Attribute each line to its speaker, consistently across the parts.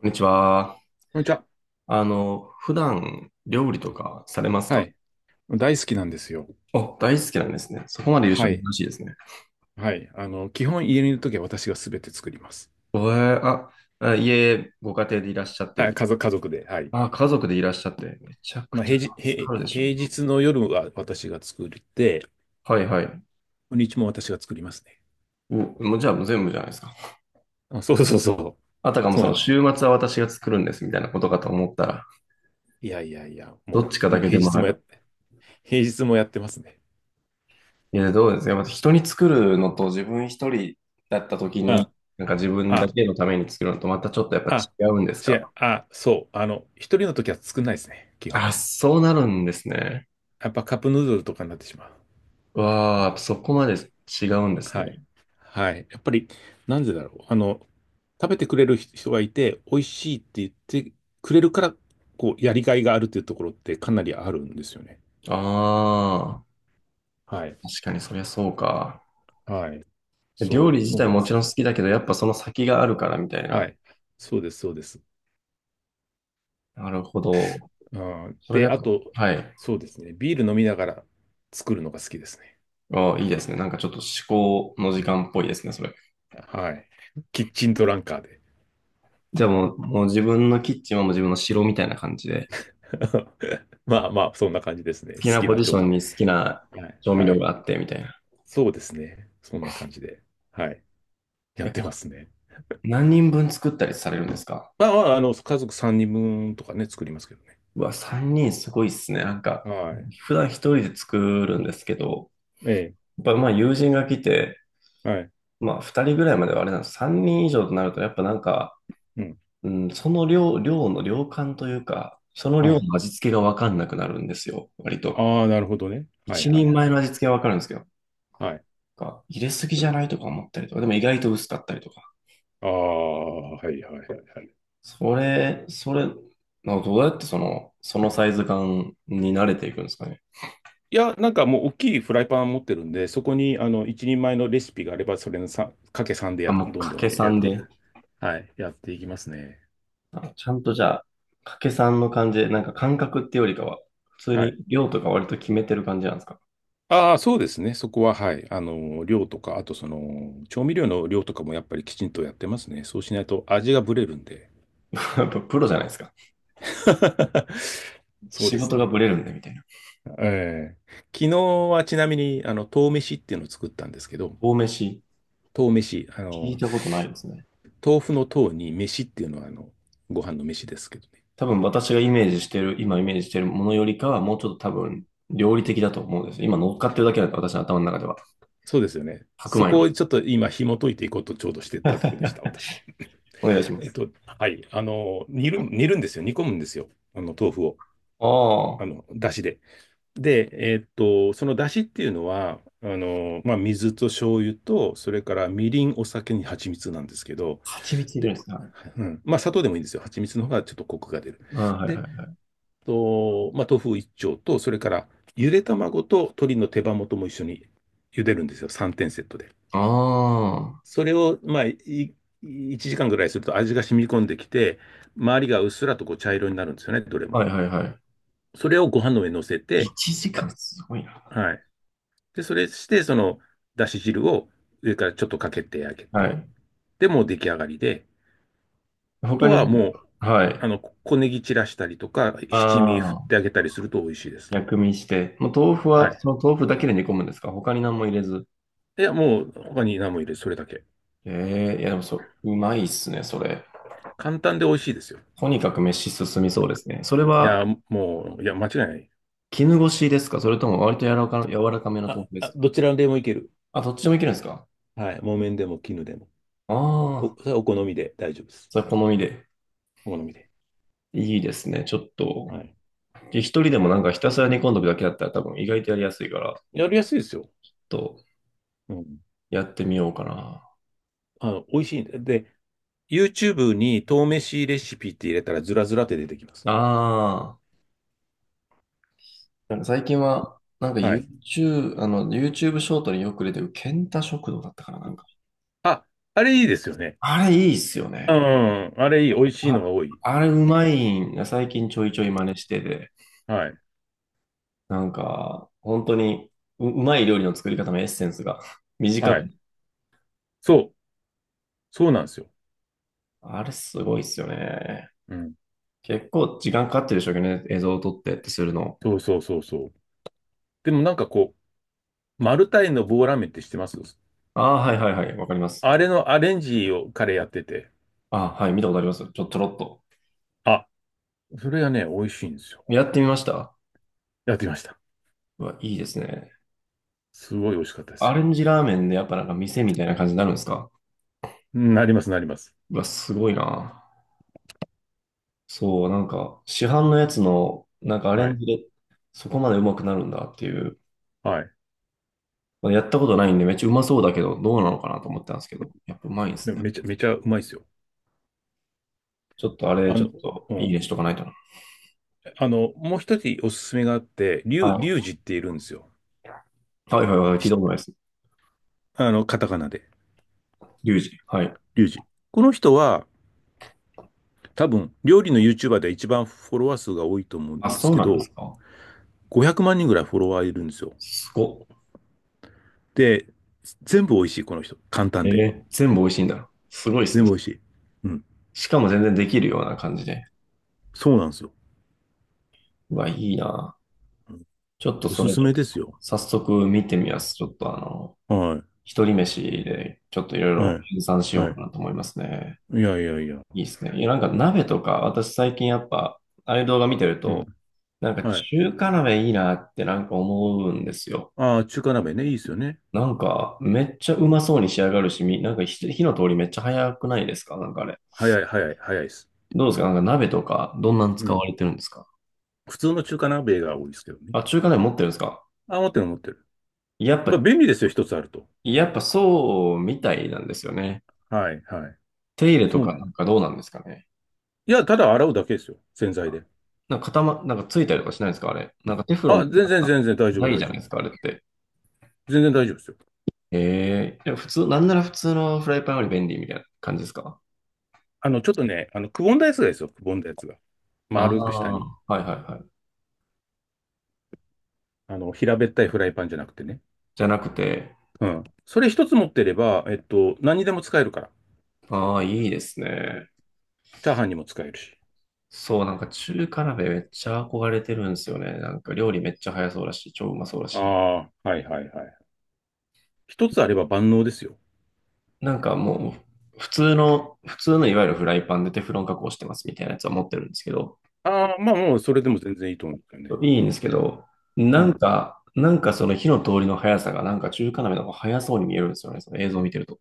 Speaker 1: こんにちは。
Speaker 2: こんにちは。
Speaker 1: 普段料理とかされます
Speaker 2: は
Speaker 1: か？
Speaker 2: い。大好きなんですよ。
Speaker 1: お大好きなんですね。そこまで言う人
Speaker 2: は
Speaker 1: は
Speaker 2: い。
Speaker 1: 珍しいですね。
Speaker 2: はい。基本家にいるときは私がすべて作ります。
Speaker 1: えー、あ、あ家、ご家庭でいらっしゃって
Speaker 2: はい
Speaker 1: る。
Speaker 2: 家族で。はい。
Speaker 1: あ、家族でいらっしゃって。めちゃく
Speaker 2: まあ、
Speaker 1: ち
Speaker 2: 平
Speaker 1: ゃ
Speaker 2: 日、
Speaker 1: 助かる
Speaker 2: 平、
Speaker 1: でしょ。
Speaker 2: 平日の夜は私が作って、
Speaker 1: はいはい。
Speaker 2: 土日も私が作りますね。
Speaker 1: お、もうじゃあもう全部じゃないですか。
Speaker 2: あ、そうそうそう。
Speaker 1: あたかも
Speaker 2: そう
Speaker 1: そ
Speaker 2: なん
Speaker 1: の
Speaker 2: ですよ。
Speaker 1: 週末は私が作るんですみたいなことかと思ったら、
Speaker 2: いやいやいや、
Speaker 1: どっ
Speaker 2: も
Speaker 1: ちか
Speaker 2: う、
Speaker 1: だ
Speaker 2: もう
Speaker 1: けでもなく。
Speaker 2: 平日もやってますね。
Speaker 1: いや、どうですか。やっぱ人に作るのと自分一人だった時
Speaker 2: あ、
Speaker 1: に、なんか自分だ
Speaker 2: あ、
Speaker 1: けのために作るのとまたちょっとやっぱ
Speaker 2: あ、
Speaker 1: 違うんです
Speaker 2: 違
Speaker 1: か？
Speaker 2: う、あ、そう。一人のときは作んないですね。基本。
Speaker 1: あ、そうなるんですね。
Speaker 2: やっぱカップヌードルとかになってしまう。
Speaker 1: わあ、そこまで違うんです
Speaker 2: はい。
Speaker 1: ね。
Speaker 2: はい。やっぱり、なんでだろう。食べてくれる人がいて、美味しいって言ってくれるから、こう、やりがいがあるっていうところってかなりあるんですよね。
Speaker 1: ああ、
Speaker 2: はい。
Speaker 1: 確かにそりゃそうか。
Speaker 2: はい。そ
Speaker 1: 料
Speaker 2: う、
Speaker 1: 理自
Speaker 2: そう
Speaker 1: 体
Speaker 2: なん
Speaker 1: も
Speaker 2: で
Speaker 1: ち
Speaker 2: す
Speaker 1: ろ
Speaker 2: よ。
Speaker 1: ん好きだけど、やっぱその先があるからみたい
Speaker 2: は
Speaker 1: な。
Speaker 2: い。そうです、そうです。
Speaker 1: なるほど。
Speaker 2: うん、
Speaker 1: それ
Speaker 2: で、
Speaker 1: が、
Speaker 2: あと、
Speaker 1: はい。
Speaker 2: そうですね。ビール飲みながら作るのが好きですね。
Speaker 1: ああ、いいですね。なんかちょっと思考の時間っぽいですね、それ。
Speaker 2: はい。キッチントランカーで。
Speaker 1: じゃあもう自分のキッチンはもう自分の城みたいな感じで、
Speaker 2: まあまあ、そんな感じですね。
Speaker 1: 好き
Speaker 2: 好
Speaker 1: な
Speaker 2: き
Speaker 1: ポ
Speaker 2: な
Speaker 1: ジシ
Speaker 2: 調
Speaker 1: ョ
Speaker 2: 味。
Speaker 1: ンに好きな
Speaker 2: はい。
Speaker 1: 調味
Speaker 2: は
Speaker 1: 料
Speaker 2: い。
Speaker 1: があってみたいな。
Speaker 2: そうですね。そんな感じで。はい。やってま
Speaker 1: え
Speaker 2: すね。
Speaker 1: 何人分作ったりされるんですか？
Speaker 2: まあまあ、家族3人分とかね、作りますけどね。
Speaker 1: うわ、3人すごいっすね。なんか、
Speaker 2: はい。
Speaker 1: 普段一人で作るんですけど、
Speaker 2: え
Speaker 1: やっぱまあ友人が来て、
Speaker 2: え、はい、
Speaker 1: まあ2人ぐらいまではあれなんです。3人以上となると、やっぱなんか、
Speaker 2: うん、
Speaker 1: うん、その量の量感というか、その
Speaker 2: は
Speaker 1: 量
Speaker 2: い。
Speaker 1: の味付けがわかんなくなるんですよ、割と。
Speaker 2: ああ、なるほどね。はいは
Speaker 1: 一
Speaker 2: いは
Speaker 1: 人前
Speaker 2: い。
Speaker 1: の味付けはわかるんですけど、
Speaker 2: はい。
Speaker 1: なんか入れすぎじゃないとか思ったりとか、でも意外と薄かったりとか。
Speaker 2: ああ、はいはいはいはい。
Speaker 1: それ、それ、なんかどうやってそのサイズ感に慣れていくんですかね。
Speaker 2: いや、なんかもう大きいフライパン持ってるんで、そこに一人前のレシピがあれば、それのさんかけさんで
Speaker 1: あ、
Speaker 2: や、
Speaker 1: もう
Speaker 2: どん
Speaker 1: 掛
Speaker 2: どん
Speaker 1: け
Speaker 2: やっ
Speaker 1: 算
Speaker 2: てい
Speaker 1: で。
Speaker 2: く。はい、やっていきますね。
Speaker 1: あちゃんとじゃあ、掛け算の感じで、なんか感覚ってよりかは、普通
Speaker 2: はい。
Speaker 1: に量とか割と決めてる感じなんですか？
Speaker 2: ああ、そうですね。そこは、はい。量とか、あとその、調味料の量とかもやっぱりきちんとやってますね。そうしないと味がブレるんで。
Speaker 1: やっぱプロじゃないですか。
Speaker 2: そう
Speaker 1: 仕
Speaker 2: です
Speaker 1: 事が
Speaker 2: ね。
Speaker 1: ブレるんでみたいな。
Speaker 2: ええ昨日はちなみに、豆飯っていうのを作ったんですけど、
Speaker 1: 大飯、
Speaker 2: 豆飯、
Speaker 1: 聞いたことないですね。
Speaker 2: 豆腐の豆に飯っていうのは、ご飯の飯ですけどね。
Speaker 1: 多分私がイメージしてる、今イメージしてるものよりかは、もうちょっと多分料理的だと思うんですよ。今乗っかってるだけなんで、私の頭の中では。
Speaker 2: そうですよね。
Speaker 1: 白
Speaker 2: そ
Speaker 1: 米
Speaker 2: こを
Speaker 1: に。
Speaker 2: ちょっと今紐解いていこうとちょうどしてたとこでした、私。
Speaker 1: お願いします。
Speaker 2: はい。煮るんですよ。煮込むんですよ。豆腐を。
Speaker 1: ああ、
Speaker 2: だしで。で、そのだしっていうのは、まあ、水と醤油と、それからみりん、お酒に蜂蜜なんですけど、
Speaker 1: 蜂蜜入れる
Speaker 2: で、
Speaker 1: んですね。はい
Speaker 2: うん。まあ、砂糖でもいいんですよ。蜂蜜の方がちょっとコクが出る。
Speaker 1: ああ、はいは
Speaker 2: で、
Speaker 1: い。
Speaker 2: と、まあ、豆腐一丁と、それからゆで卵と鶏の手羽元も一緒に茹でるんですよ。3点セットで。
Speaker 1: あ
Speaker 2: それを、まあ、1時間ぐらいすると味が染み込んできて、周りがうっすらとこう茶色になるんですよね、どれも。
Speaker 1: あ、はいはいは
Speaker 2: それをご飯の上に乗せ
Speaker 1: い。
Speaker 2: て、
Speaker 1: 1時
Speaker 2: あ、
Speaker 1: 間すごいな。
Speaker 2: はい。で、それして、その、だし汁を上からちょっとかけてあげ
Speaker 1: は
Speaker 2: て、
Speaker 1: い。
Speaker 2: で、もう出来上がりで、と
Speaker 1: 他に、
Speaker 2: はもう、
Speaker 1: はい。
Speaker 2: 小ネギ散らしたりとか、七味振っ
Speaker 1: ああ、
Speaker 2: てあげたりすると美味しいです。
Speaker 1: 薬味して。もう豆腐
Speaker 2: は
Speaker 1: は、
Speaker 2: い。
Speaker 1: その豆腐だけで煮込むんですか？他に何も入れず。
Speaker 2: いや、もう、他に何も入れず、それだけ。
Speaker 1: ええいやでもそう、うまいっすね、それ。
Speaker 2: 簡単で美味しいですよ。
Speaker 1: とにかく飯進みそうですね。それ
Speaker 2: い
Speaker 1: は、
Speaker 2: や、もう、いや、間違いない。
Speaker 1: 絹ごしですかそれとも割と柔らかめの豆
Speaker 2: あ、
Speaker 1: 腐で
Speaker 2: あ、
Speaker 1: す
Speaker 2: どちらでもいける。
Speaker 1: か？あ、どっちでもいけるんですか？
Speaker 2: はい。木綿でも絹でも。お、
Speaker 1: あ
Speaker 2: そ
Speaker 1: あ、
Speaker 2: れはお好みで大丈夫です。
Speaker 1: それ好みで。
Speaker 2: お好みで。
Speaker 1: いいですね、ちょっと。
Speaker 2: はい。
Speaker 1: 一人でもなんかひたすら煮込んどくだけだったら多分意外とやりやすいから、
Speaker 2: やりやすいですよ。
Speaker 1: ちょっと
Speaker 2: うん。
Speaker 1: やってみようかな。
Speaker 2: 美味しいんで。で、YouTube に豆飯レシピって入れたらずらずらって出てきます。
Speaker 1: ああ。なんか最近は、なんか
Speaker 2: はい。
Speaker 1: YouTube、あの、YouTube ショートによく出てる、ケンタ食堂だったから、なんか。
Speaker 2: あ、あれいいですよね。
Speaker 1: あれいいっすよ
Speaker 2: う
Speaker 1: ね。
Speaker 2: ん、あれいい。美味しいのが
Speaker 1: あ、
Speaker 2: 多い。
Speaker 1: あれうまいんが最近ちょいちょい真似してて、
Speaker 2: はい。
Speaker 1: なんか、本当にうまい料理の作り方のエッセンスが 短
Speaker 2: は
Speaker 1: く。
Speaker 2: い。そう、そうなんですよ。
Speaker 1: あれすごいっすよね。
Speaker 2: うん。
Speaker 1: 結構時間かかってるでしょうけどね、映像を撮ってってするの。
Speaker 2: そうそうそうそう。でもなんかこう、マルタイの棒ラーメンって知ってます？
Speaker 1: ああ、はいはいはい、わかります。
Speaker 2: あれのアレンジを彼やってて、
Speaker 1: ああ、はい、見たことあります。ちょろっと。
Speaker 2: あ、それがね、美味しいんですよ。
Speaker 1: やってみました。
Speaker 2: やってみました。
Speaker 1: うわ、いいですね。
Speaker 2: すごい美味しかったです
Speaker 1: ア
Speaker 2: よ。
Speaker 1: レンジラーメンでやっぱなんか店みたいな感じになるんですか？
Speaker 2: うんなります、なります。
Speaker 1: うわ、すごいな。そう、なんか、市販のやつの、なんかアレ
Speaker 2: は
Speaker 1: ン
Speaker 2: い。
Speaker 1: ジで、そこまでうまくなるんだっていう。
Speaker 2: はい。
Speaker 1: まあやったことないんで、めっちゃうまそうだけど、どうなのかなと思ったんですけど、やっぱうまいんで
Speaker 2: で
Speaker 1: す
Speaker 2: も
Speaker 1: ね。
Speaker 2: めちゃ、めちゃうまいですよ。
Speaker 1: ちょっとあれ、
Speaker 2: あ
Speaker 1: ちょっ
Speaker 2: の、
Speaker 1: と、
Speaker 2: う
Speaker 1: いい
Speaker 2: ん。
Speaker 1: ねしとかないとな。
Speaker 2: もう一つおすすめがあって、リュウ、
Speaker 1: は
Speaker 2: リュ
Speaker 1: い。
Speaker 2: ウジっているんですよ。
Speaker 1: はいはいはい、聞い
Speaker 2: し
Speaker 1: たことないです。
Speaker 2: カタカナで。
Speaker 1: リュウジ。はい。
Speaker 2: リュウジ。この人は、多分、料理の YouTuber で一番フォロワー数が多いと思う
Speaker 1: あ、
Speaker 2: んです
Speaker 1: そう
Speaker 2: け
Speaker 1: なんで
Speaker 2: ど、
Speaker 1: すか。
Speaker 2: 500万人ぐらいフォロワーいるんですよ。
Speaker 1: すごっ。
Speaker 2: で、全部美味しい、この人。簡単
Speaker 1: え
Speaker 2: で。
Speaker 1: ー、全部美味しいんだ。すごいです
Speaker 2: 全
Speaker 1: ね。
Speaker 2: 部美味しい。うん。
Speaker 1: しかも全然できるような感じで。
Speaker 2: そうなんですよ。
Speaker 1: うわ、いいな。ちょっと
Speaker 2: お
Speaker 1: そ
Speaker 2: す
Speaker 1: れ、
Speaker 2: すめですよ。
Speaker 1: 早速見てみます。ちょっと
Speaker 2: は
Speaker 1: 一人飯でちょっといろい
Speaker 2: い。は
Speaker 1: ろ
Speaker 2: い。
Speaker 1: 計算しよ
Speaker 2: は
Speaker 1: うか
Speaker 2: い。
Speaker 1: なと思いますね。
Speaker 2: いやいやいや。
Speaker 1: いいですね。いや、なんか鍋とか、私最近やっぱ、ああいう動画見てる
Speaker 2: う
Speaker 1: と、
Speaker 2: ん。
Speaker 1: なんか
Speaker 2: はい。
Speaker 1: 中華鍋いいなってなんか思うんですよ。
Speaker 2: ああ、中華鍋ね。いいですよね。
Speaker 1: なんかめっちゃうまそうに仕上がるし、なんか火の通りめっちゃ早くないですかなんかあれ。
Speaker 2: 早い、早い、早いです。
Speaker 1: どうですかなんか鍋とか、どんなん
Speaker 2: う
Speaker 1: 使
Speaker 2: ん。
Speaker 1: われてるんですか？
Speaker 2: 普通の中華鍋が多いですけどね。
Speaker 1: あ、中華鍋持ってるんですか？
Speaker 2: あ、持ってる、持ってる。
Speaker 1: やっ
Speaker 2: まあ、
Speaker 1: ぱ、
Speaker 2: 便利ですよ。一つあると。
Speaker 1: やっぱそうみたいなんですよね。
Speaker 2: はい、はい。
Speaker 1: 手入れと
Speaker 2: そう
Speaker 1: か
Speaker 2: な
Speaker 1: な
Speaker 2: んだ。
Speaker 1: んかどうなんですかね。
Speaker 2: いや、ただ洗うだけですよ。洗剤で。
Speaker 1: なんか固ま、なんかついたりとかしないんですかあれ。なんかテフロン
Speaker 2: あ、
Speaker 1: とかなんか
Speaker 2: 全然大丈
Speaker 1: な
Speaker 2: 夫、
Speaker 1: い
Speaker 2: 大
Speaker 1: じゃ
Speaker 2: 丈
Speaker 1: な
Speaker 2: 夫。
Speaker 1: いですかあれって。
Speaker 2: 全然大丈夫ですよ。
Speaker 1: ええ、でも普通、なんなら普通のフライパンより便利みたいな感じですか？
Speaker 2: ちょっとね、くぼんだやつが。
Speaker 1: あ
Speaker 2: 丸く下
Speaker 1: あ、
Speaker 2: に。
Speaker 1: はいはいはい。
Speaker 2: 平べったいフライパンじゃなくてね。
Speaker 1: じゃなくて、
Speaker 2: うん。それ一つ持ってれば、何にでも使えるから。
Speaker 1: ああ、いいですね。
Speaker 2: チャーハンにも使えるし。
Speaker 1: そう、なんか中華鍋めっちゃ憧れてるんですよね。なんか料理めっちゃ早そうだし、超うまそうだ
Speaker 2: あ
Speaker 1: し。
Speaker 2: あ、はいはいはい。一つあれば万能ですよ。
Speaker 1: なんかもう、普通のいわゆるフライパンでテフロン加工してますみたいなやつは持ってるんですけど、
Speaker 2: ああ、まあもう、それでも全然いいと思うんですよね。
Speaker 1: いいんですけど、
Speaker 2: う
Speaker 1: なん
Speaker 2: ん。
Speaker 1: か、なんかその火の通りの速さが、なんか中華鍋の方が速そうに見えるんですよね、その映像を見てると。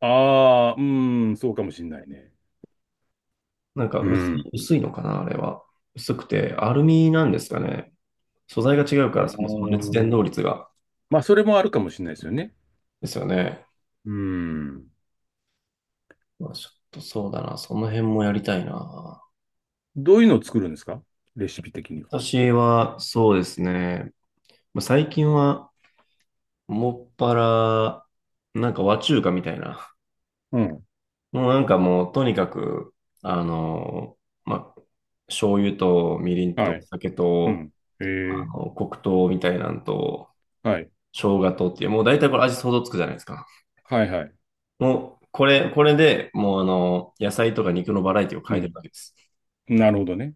Speaker 2: ああ、うーん、そうかもしんないね。
Speaker 1: なんか
Speaker 2: う
Speaker 1: 薄い、
Speaker 2: ん。
Speaker 1: 薄いのかな、あれは。薄くて、アルミなんですかね。素材が違うか
Speaker 2: ああ、
Speaker 1: ら、そもそも熱伝導率が。
Speaker 2: まあ、それもあるかもしれないですよね。
Speaker 1: ですよね。
Speaker 2: うん。
Speaker 1: まあ、ちょっとそうだな、その辺もやりたいな。
Speaker 2: どういうのを作るんですか？レシピ的には。
Speaker 1: 私は、そうですね。まあ最近は、もっぱら、なんか和中華みたいな。
Speaker 2: うん。
Speaker 1: もうなんかもう、とにかく、あの、まあ、醤油とみりんと
Speaker 2: はい。
Speaker 1: 酒
Speaker 2: う
Speaker 1: と、
Speaker 2: ん。ええ
Speaker 1: 黒糖みたいなんと、
Speaker 2: はい。
Speaker 1: 生姜とっていう、もう大体これ味想像つくじゃないですか。
Speaker 2: はいはい。
Speaker 1: もう、これでもう野菜とか肉のバラエティを
Speaker 2: う
Speaker 1: 変えてる
Speaker 2: ん。
Speaker 1: だけです。
Speaker 2: なるほどね。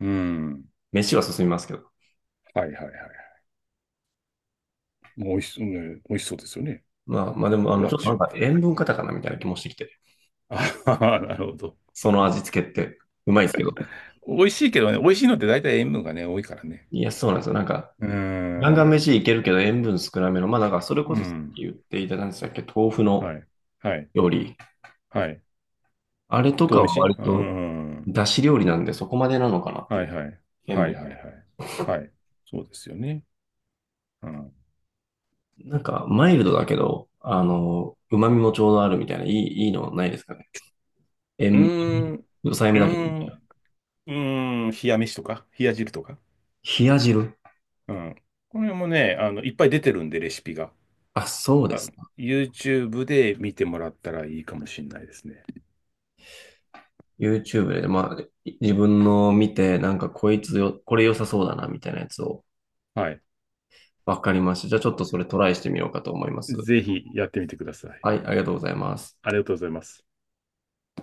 Speaker 2: うん。
Speaker 1: 飯は進みますけど。
Speaker 2: はいはいはい。もう美味しそう、ね、美味しそうですよね。
Speaker 1: まあでも、
Speaker 2: 和
Speaker 1: ちょっとなん
Speaker 2: 中。
Speaker 1: か塩分過多かなみたいな気もしてきて。
Speaker 2: あははなるほど。
Speaker 1: その味付けって、うまいですけど。
Speaker 2: 美味しいけどね、美味しいのって大体塩分がね、多いからね。
Speaker 1: いや、そうなんですよ。なんか、
Speaker 2: うー
Speaker 1: ガンガン
Speaker 2: ん。
Speaker 1: 飯いけるけど塩分少なめの、まあなんか、それこ
Speaker 2: う
Speaker 1: そさっ
Speaker 2: ん。
Speaker 1: き言っていただいたんでしたっけ、豆腐
Speaker 2: は
Speaker 1: の
Speaker 2: い。はい。
Speaker 1: 料理。
Speaker 2: はい。
Speaker 1: あれと
Speaker 2: 豆
Speaker 1: かは
Speaker 2: 飯
Speaker 1: 割
Speaker 2: う
Speaker 1: と、
Speaker 2: ん。
Speaker 1: 出汁料理なんでそこまでなのかなってい
Speaker 2: はい
Speaker 1: う、
Speaker 2: はい。
Speaker 1: 塩
Speaker 2: はいは
Speaker 1: 分
Speaker 2: い
Speaker 1: は。
Speaker 2: はい。はい。そうですよね。うん。う
Speaker 1: なんか、マイルドだけど、旨味もちょうどあるみたいな、いいのないですかね。塩、
Speaker 2: ーん。う
Speaker 1: 抑えめ
Speaker 2: ー
Speaker 1: だけど。
Speaker 2: ん。うーん。冷や飯とか、冷や汁とか。
Speaker 1: 冷や汁。
Speaker 2: うん。これもね、いっぱい出てるんで、レシピが。
Speaker 1: あ、そうで
Speaker 2: あ、
Speaker 1: すか。
Speaker 2: YouTube で見てもらったらいいかもしれないですね。
Speaker 1: YouTube で、まあ、自分の見て、なんかこいつよ、これ良さそうだな、みたいなやつを、
Speaker 2: はい。
Speaker 1: わかりました。じゃあちょっとそれトライしてみようかと思います。
Speaker 2: ぜひやってみてください。
Speaker 1: はい、ありがとうございます。
Speaker 2: ありがとうございます。